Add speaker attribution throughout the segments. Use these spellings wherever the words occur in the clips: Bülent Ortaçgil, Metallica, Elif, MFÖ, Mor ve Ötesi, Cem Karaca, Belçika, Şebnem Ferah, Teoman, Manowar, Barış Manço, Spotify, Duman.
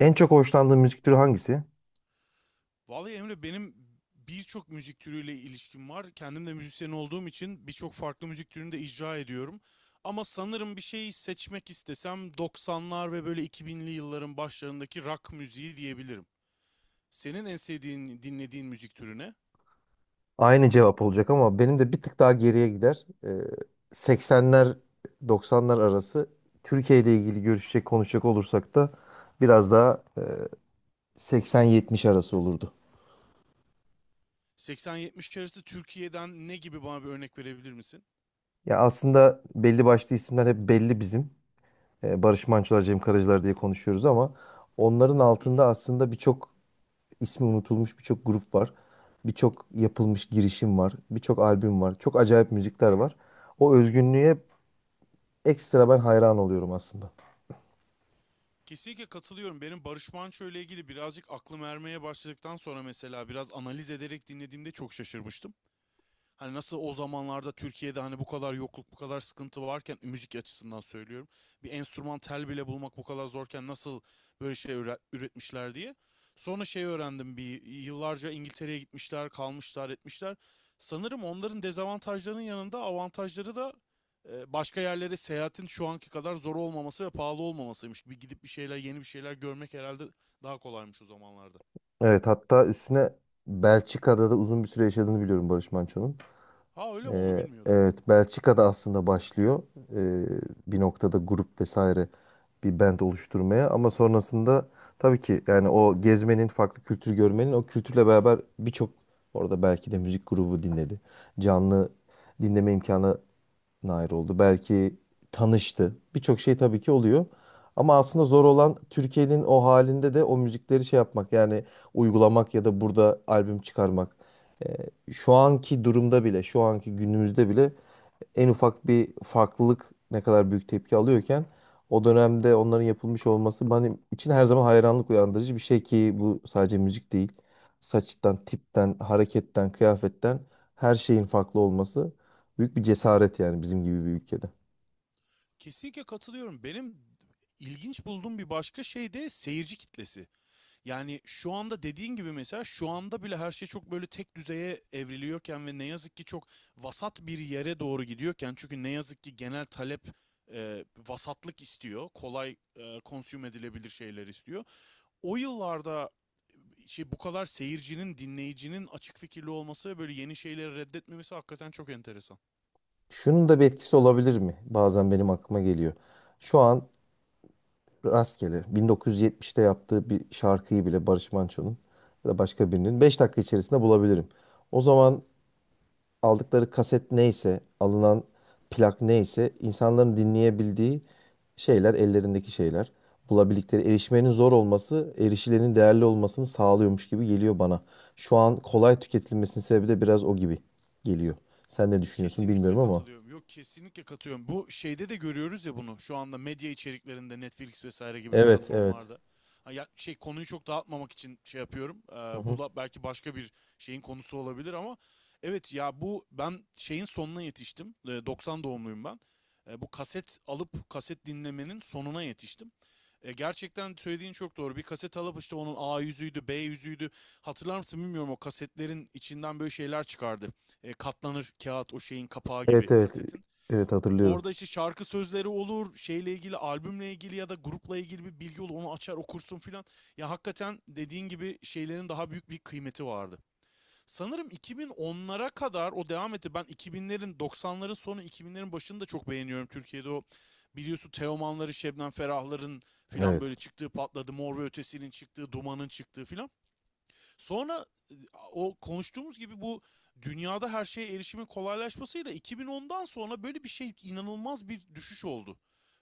Speaker 1: En çok hoşlandığın müzik türü hangisi?
Speaker 2: Vallahi Emre benim birçok müzik türüyle ilişkim var. Kendim de müzisyen olduğum için birçok farklı müzik türünü de icra ediyorum. Ama sanırım bir şey seçmek istesem 90'lar ve böyle 2000'li yılların başlarındaki rock müziği diyebilirim. Senin en sevdiğin, dinlediğin müzik türüne.
Speaker 1: Aynı cevap olacak ama benim de bir tık daha geriye gider. 80'ler 90'lar arası Türkiye ile ilgili görüşecek konuşacak olursak da biraz daha 80-70 arası olurdu.
Speaker 2: 80-70 arası Türkiye'den ne gibi bana bir örnek verebilir misin?
Speaker 1: Ya aslında belli başlı isimler hep belli bizim. Barış Manço'lar, Cem Karaca'lar diye konuşuyoruz ama onların
Speaker 2: Hı hı.
Speaker 1: altında aslında birçok ismi unutulmuş birçok grup var. Birçok yapılmış girişim var. Birçok albüm var. Çok acayip müzikler var. O özgünlüğe ekstra ben hayran oluyorum aslında.
Speaker 2: Kesinlikle katılıyorum. Benim Barış Manço ile ilgili birazcık aklım ermeye başladıktan sonra mesela biraz analiz ederek dinlediğimde çok şaşırmıştım. Hani nasıl o zamanlarda Türkiye'de hani bu kadar yokluk, bu kadar sıkıntı varken müzik açısından söylüyorum. Bir enstrüman tel bile bulmak bu kadar zorken nasıl böyle şey üretmişler diye. Sonra şey öğrendim bir yıllarca İngiltere'ye gitmişler, kalmışlar, etmişler. Sanırım onların dezavantajlarının yanında avantajları da başka yerlere seyahatin şu anki kadar zor olmaması ve pahalı olmamasıymış. Bir gidip bir şeyler, yeni bir şeyler görmek herhalde daha kolaymış o zamanlarda.
Speaker 1: Evet, hatta üstüne Belçika'da da uzun bir süre yaşadığını biliyorum Barış Manço'nun.
Speaker 2: Ha öyle mi, onu bilmiyordum.
Speaker 1: Evet, Belçika'da aslında başlıyor ee, bir noktada grup vesaire bir band oluşturmaya ama sonrasında tabii ki, yani o gezmenin, farklı kültür görmenin, o kültürle beraber birçok orada belki de müzik grubu dinledi. Canlı dinleme imkanı nair oldu. Belki tanıştı. Birçok şey tabii ki oluyor. Ama aslında zor olan Türkiye'nin o halinde de o müzikleri şey yapmak, yani uygulamak ya da burada albüm çıkarmak. Ee, şu anki durumda bile, şu anki günümüzde bile en ufak bir farklılık ne kadar büyük tepki alıyorken o dönemde onların yapılmış olması benim için her zaman hayranlık uyandırıcı bir şey ki bu sadece müzik değil. Saçtan, tipten, hareketten, kıyafetten her şeyin farklı olması büyük bir cesaret yani, bizim gibi bir ülkede.
Speaker 2: Kesinlikle katılıyorum. Benim ilginç bulduğum bir başka şey de seyirci kitlesi. Yani şu anda dediğin gibi mesela şu anda bile her şey çok böyle tek düzeye evriliyorken ve ne yazık ki çok vasat bir yere doğru gidiyorken, çünkü ne yazık ki genel talep vasatlık istiyor. Kolay, consume edilebilir şeyler istiyor. O yıllarda şey bu kadar seyircinin, dinleyicinin açık fikirli olması ve böyle yeni şeyleri reddetmemesi hakikaten çok enteresan.
Speaker 1: Şunun da bir etkisi olabilir mi? Bazen benim aklıma geliyor. Şu an rastgele 1970'te yaptığı bir şarkıyı bile Barış Manço'nun ya da başka birinin 5 dakika içerisinde bulabilirim. O zaman aldıkları kaset neyse, alınan plak neyse insanların dinleyebildiği şeyler, ellerindeki şeyler. Bulabildikleri, erişmenin zor olması, erişilenin değerli olmasını sağlıyormuş gibi geliyor bana. Şu an kolay tüketilmesinin sebebi de biraz o gibi geliyor. Sen ne düşünüyorsun
Speaker 2: Kesinlikle
Speaker 1: bilmiyorum ama.
Speaker 2: katılıyorum. Yok, kesinlikle katılıyorum. Bu şeyde de görüyoruz ya bunu. Şu anda medya içeriklerinde Netflix vesaire gibi
Speaker 1: Evet, evet.
Speaker 2: platformlarda. Ha, ya, şey, konuyu çok dağıtmamak için şey yapıyorum.
Speaker 1: Hı
Speaker 2: Bu
Speaker 1: hı.
Speaker 2: da belki başka bir şeyin konusu olabilir ama evet ya, bu ben şeyin sonuna yetiştim. 90 doğumluyum ben. Bu kaset alıp kaset dinlemenin sonuna yetiştim. Gerçekten söylediğin çok doğru. Bir kaset alıp işte onun A yüzüydü, B yüzüydü. Hatırlar mısın bilmiyorum, o kasetlerin içinden böyle şeyler çıkardı, katlanır kağıt o şeyin kapağı gibi
Speaker 1: Evet, evet.
Speaker 2: kasetin.
Speaker 1: Evet, hatırlıyorum.
Speaker 2: Orada işte şarkı sözleri olur, şeyle ilgili, albümle ilgili ya da grupla ilgili bir bilgi olur. Onu açar okursun filan. Ya hakikaten dediğin gibi şeylerin daha büyük bir kıymeti vardı. Sanırım 2010'lara kadar o devam etti. Ben 2000'lerin, 90'ların sonu 2000'lerin başını da çok beğeniyorum. Türkiye'de o biliyorsun Teomanların, Şebnem Ferahların filan
Speaker 1: Evet.
Speaker 2: böyle çıktığı patladı. Mor ve Ötesi'nin çıktığı, Duman'ın çıktığı filan. Sonra e, o konuştuğumuz gibi bu dünyada her şeye erişimin kolaylaşmasıyla 2010'dan sonra böyle bir şey, inanılmaz bir düşüş oldu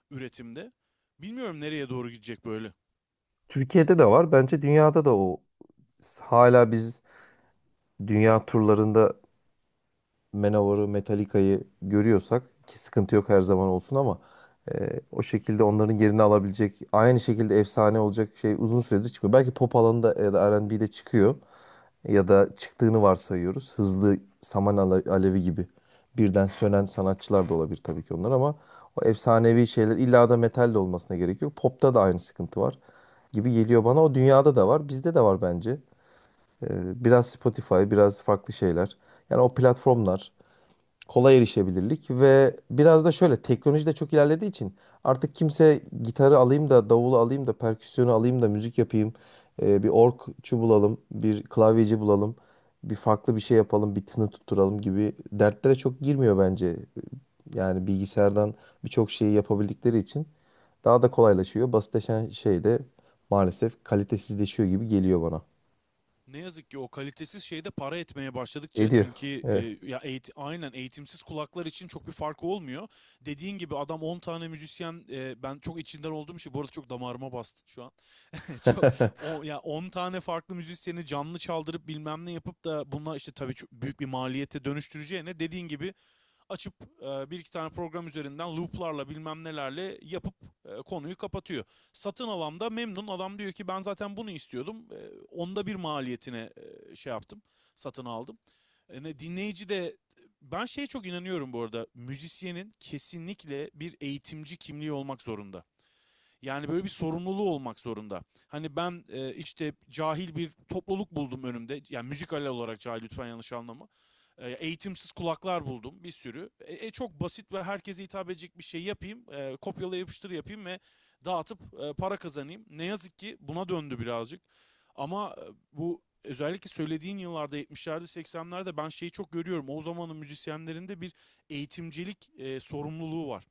Speaker 2: üretimde. Bilmiyorum nereye doğru gidecek böyle.
Speaker 1: Türkiye'de de var. Bence dünyada da o hala biz dünya turlarında Manowar'ı, Metallica'yı görüyorsak ki sıkıntı yok, her zaman olsun, ama o şekilde onların yerini alabilecek, aynı şekilde efsane olacak şey uzun süredir çıkmıyor. Belki pop alanında ya da R&B'de çıkıyor ya da çıktığını varsayıyoruz. Hızlı alevi gibi birden sönen sanatçılar da olabilir tabii ki onlar ama o efsanevi şeyler illa da metal de olmasına gerek yok. Pop'ta da aynı sıkıntı var gibi geliyor bana. O, dünyada da var, bizde de var bence. E, biraz Spotify, biraz farklı şeyler. Yani o platformlar, kolay erişebilirlik ve biraz da şöyle teknoloji de çok ilerlediği için artık kimse gitarı alayım da, davulu alayım da, perküsyonu alayım da müzik yapayım, bir orgçu bulalım, bir klavyeci bulalım, bir farklı bir şey yapalım, bir tını tutturalım gibi dertlere çok girmiyor bence. Yani bilgisayardan birçok şeyi yapabildikleri için daha da kolaylaşıyor. Basitleşen şey de maalesef kalitesizleşiyor gibi geliyor bana.
Speaker 2: Ne yazık ki o kalitesiz şeyde para etmeye başladıkça,
Speaker 1: Ediyor.
Speaker 2: çünkü
Speaker 1: Evet.
Speaker 2: aynen eğitimsiz kulaklar için çok bir farkı olmuyor. Dediğin gibi adam 10 tane müzisyen, ben çok içinden olduğum şey bu arada, çok damarıma bastı şu an. Çok, o ya, 10 tane farklı müzisyeni canlı çaldırıp bilmem ne yapıp da bunlar işte, tabii çok büyük bir maliyete dönüştüreceğine dediğin gibi açıp bir iki tane program üzerinden looplarla bilmem nelerle yapıp konuyu kapatıyor. Satın alan da memnun, adam diyor ki ben zaten bunu istiyordum. Onda bir maliyetine şey yaptım. Satın aldım. Dinleyici de, ben şeye çok inanıyorum bu arada. Müzisyenin kesinlikle bir eğitimci kimliği olmak zorunda. Yani böyle bir sorumluluğu olmak zorunda. Hani ben işte cahil bir topluluk buldum önümde. Yani müzikal olarak cahil, lütfen yanlış anlama. Eğitimsiz kulaklar buldum bir sürü. Çok basit ve herkese hitap edecek bir şey yapayım. Kopyala yapıştır yapayım ve dağıtıp para kazanayım. Ne yazık ki buna döndü birazcık. Ama bu özellikle söylediğin yıllarda 70'lerde 80'lerde ben şeyi çok görüyorum. O zamanın müzisyenlerinde bir eğitimcilik sorumluluğu var.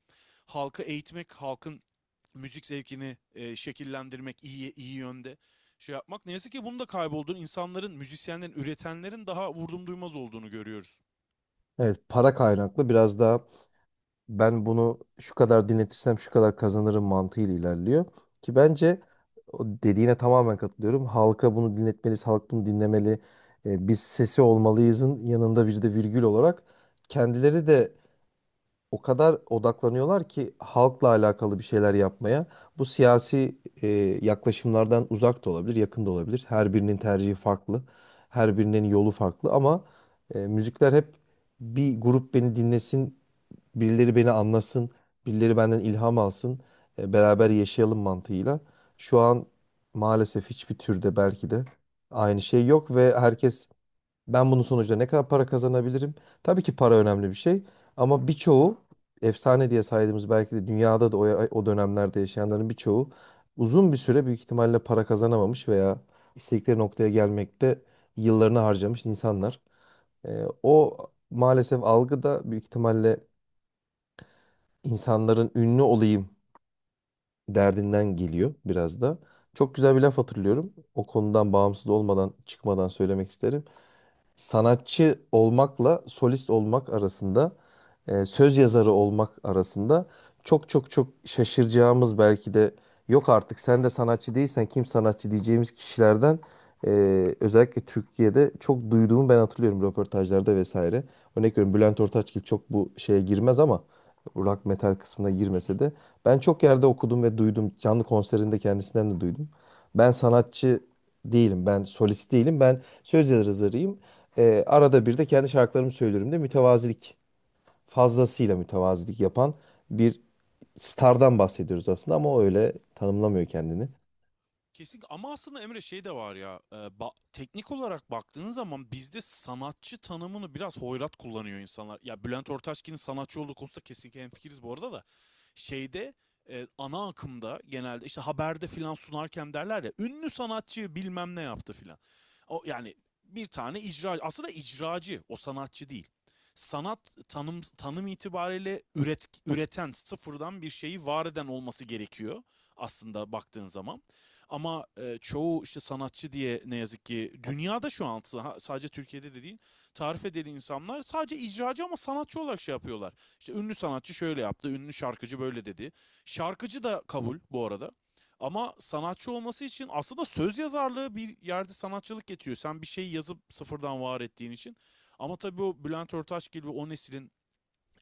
Speaker 2: Halkı eğitmek, halkın müzik zevkini şekillendirmek, iyi yönde şey yapmak. Ne yazık ki bunun da kaybolduğunu, insanların, müzisyenlerin, üretenlerin daha vurdum duymaz olduğunu görüyoruz.
Speaker 1: Evet, para kaynaklı biraz daha ben bunu şu kadar dinletirsem şu kadar kazanırım mantığıyla ilerliyor. Ki bence o dediğine tamamen katılıyorum. Halka bunu dinletmeliyiz, halk bunu dinlemeli. E, biz sesi olmalıyızın yanında bir de virgül olarak kendileri de o kadar odaklanıyorlar ki halkla alakalı bir şeyler yapmaya. Bu siyasi yaklaşımlardan uzak da olabilir, yakın da olabilir. Her birinin tercihi farklı, her birinin yolu farklı ama müzikler hep bir grup beni dinlesin, birileri beni anlasın, birileri benden ilham alsın, beraber yaşayalım mantığıyla. Şu an maalesef hiçbir türde belki de aynı şey yok ve herkes ben bunun sonucunda ne kadar para kazanabilirim? Tabii ki para önemli bir şey ama birçoğu efsane diye saydığımız, belki de dünyada da o, o dönemlerde yaşayanların birçoğu uzun bir süre büyük ihtimalle para kazanamamış veya istedikleri noktaya gelmekte yıllarını harcamış insanlar. O maalesef algı da büyük ihtimalle insanların ünlü olayım derdinden geliyor biraz da. Çok güzel bir laf hatırlıyorum. O konudan bağımsız olmadan, çıkmadan söylemek isterim, sanatçı olmakla solist olmak arasında, söz yazarı olmak arasında çok çok çok şaşıracağımız, belki de yok artık sen de sanatçı değilsen kim sanatçı diyeceğimiz kişilerden e, özellikle Türkiye'de çok duyduğumu ben hatırlıyorum röportajlarda vesaire. Örnek veriyorum, Bülent Ortaçgil çok bu şeye girmez ama rock metal kısmına
Speaker 2: Hı
Speaker 1: girmese
Speaker 2: hı.
Speaker 1: de ben çok yerde okudum ve duydum. Canlı konserinde kendisinden de duydum. Ben sanatçı değilim. Ben solist değilim. Ben söz yazarıyım. Arada bir de kendi şarkılarımı söylüyorum de, mütevazilik, fazlasıyla mütevazilik yapan bir stardan bahsediyoruz aslında, ama o öyle tanımlamıyor kendini.
Speaker 2: Kesin, ama aslında Emre şey de var ya, teknik olarak baktığın zaman bizde sanatçı tanımını biraz hoyrat kullanıyor insanlar. Ya Bülent Ortaçgil'in sanatçı olduğu konusunda kesinlikle hemfikiriz bu arada da, şeyde, ana akımda genelde işte haberde filan sunarken derler ya, ünlü sanatçı bilmem ne yaptı filan. O yani bir tane icra, aslında icracı o, sanatçı değil. Sanat tanım itibariyle üreten, sıfırdan bir şeyi var eden olması gerekiyor aslında baktığın zaman. Ama çoğu işte sanatçı diye, ne yazık ki dünyada şu an, sadece Türkiye'de de değil, tarif edeli insanlar sadece icracı ama sanatçı olarak şey yapıyorlar. İşte ünlü sanatçı şöyle yaptı, ünlü şarkıcı böyle dedi. Şarkıcı da kabul bu arada. Ama sanatçı olması için aslında söz yazarlığı bir yerde sanatçılık getiriyor. Sen bir şeyi yazıp sıfırdan var ettiğin için. Ama tabii o Bülent Ortaçgil ve o neslin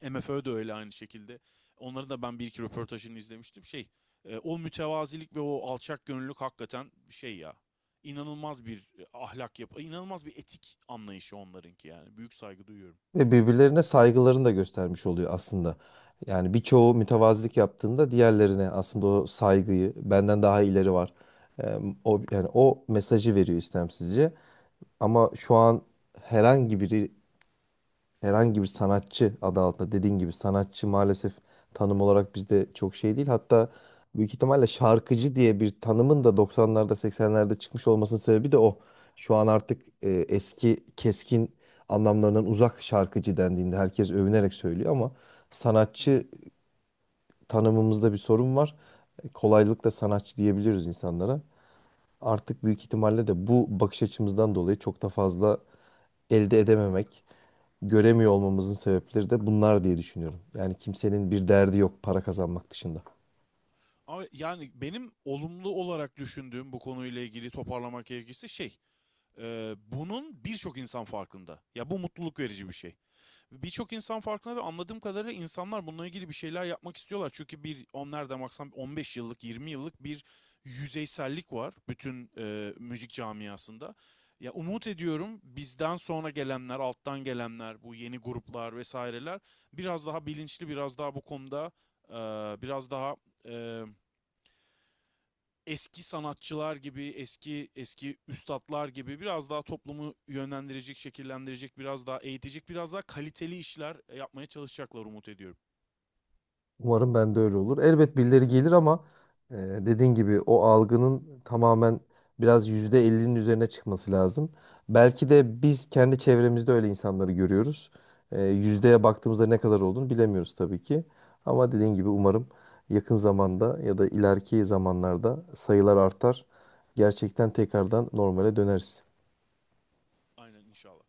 Speaker 2: MFÖ de öyle aynı şekilde. Onları da ben bir iki röportajını izlemiştim. O mütevazilik ve o alçak gönüllülük hakikaten şey ya. İnanılmaz bir, inanılmaz bir etik anlayışı onlarınki yani. Büyük saygı duyuyorum.
Speaker 1: Ve birbirlerine saygılarını da göstermiş oluyor aslında. Yani birçoğu mütevazilik yaptığında diğerlerine aslında o saygıyı benden daha ileri var. Ee, o yani o mesajı veriyor istemsizce. Ama şu an herhangi biri, herhangi bir sanatçı adı altında, dediğin gibi sanatçı maalesef tanım olarak bizde çok şey değil. Hatta büyük ihtimalle şarkıcı diye bir tanımın da 90'larda 80'lerde çıkmış olmasının sebebi de o. Şu an artık eski keskin anlamlarından uzak şarkıcı dendiğinde herkes övünerek söylüyor ama
Speaker 2: Hı hı.
Speaker 1: sanatçı tanımımızda bir sorun var. E, kolaylıkla sanatçı diyebiliriz insanlara artık, büyük ihtimalle de bu bakış açımızdan dolayı çok da fazla elde edememek, göremiyor olmamızın sebepleri de bunlar diye düşünüyorum. Yani kimsenin bir derdi yok para kazanmak dışında.
Speaker 2: Ama yani benim olumlu olarak düşündüğüm, bu konuyla ilgili toparlamak gerekirse bunun birçok insan farkında. Ya bu mutluluk verici bir şey. Birçok insan farkında ve anladığım kadarıyla insanlar bununla ilgili bir şeyler yapmak istiyorlar. Çünkü bir 10 nereden baksan 15 yıllık 20 yıllık bir yüzeysellik var bütün müzik camiasında. Ya umut ediyorum bizden sonra gelenler, alttan gelenler, bu yeni gruplar vesaireler biraz daha bilinçli, biraz daha bu konuda, e, biraz daha e, eski sanatçılar gibi, eski eski üstatlar gibi biraz daha toplumu yönlendirecek, şekillendirecek, biraz daha eğitecek, biraz daha kaliteli işler yapmaya çalışacaklar umut ediyorum.
Speaker 1: Umarım ben de öyle olur. Elbet birileri gelir ama dediğin gibi o algının tamamen biraz %50'nin üzerine çıkması lazım. Belki de biz kendi çevremizde öyle insanları görüyoruz. Yüzdeye baktığımızda ne kadar olduğunu bilemiyoruz tabii ki. Ama dediğin gibi umarım yakın zamanda ya da ileriki zamanlarda sayılar artar. Gerçekten tekrardan normale döneriz.
Speaker 2: Aynen, inşallah.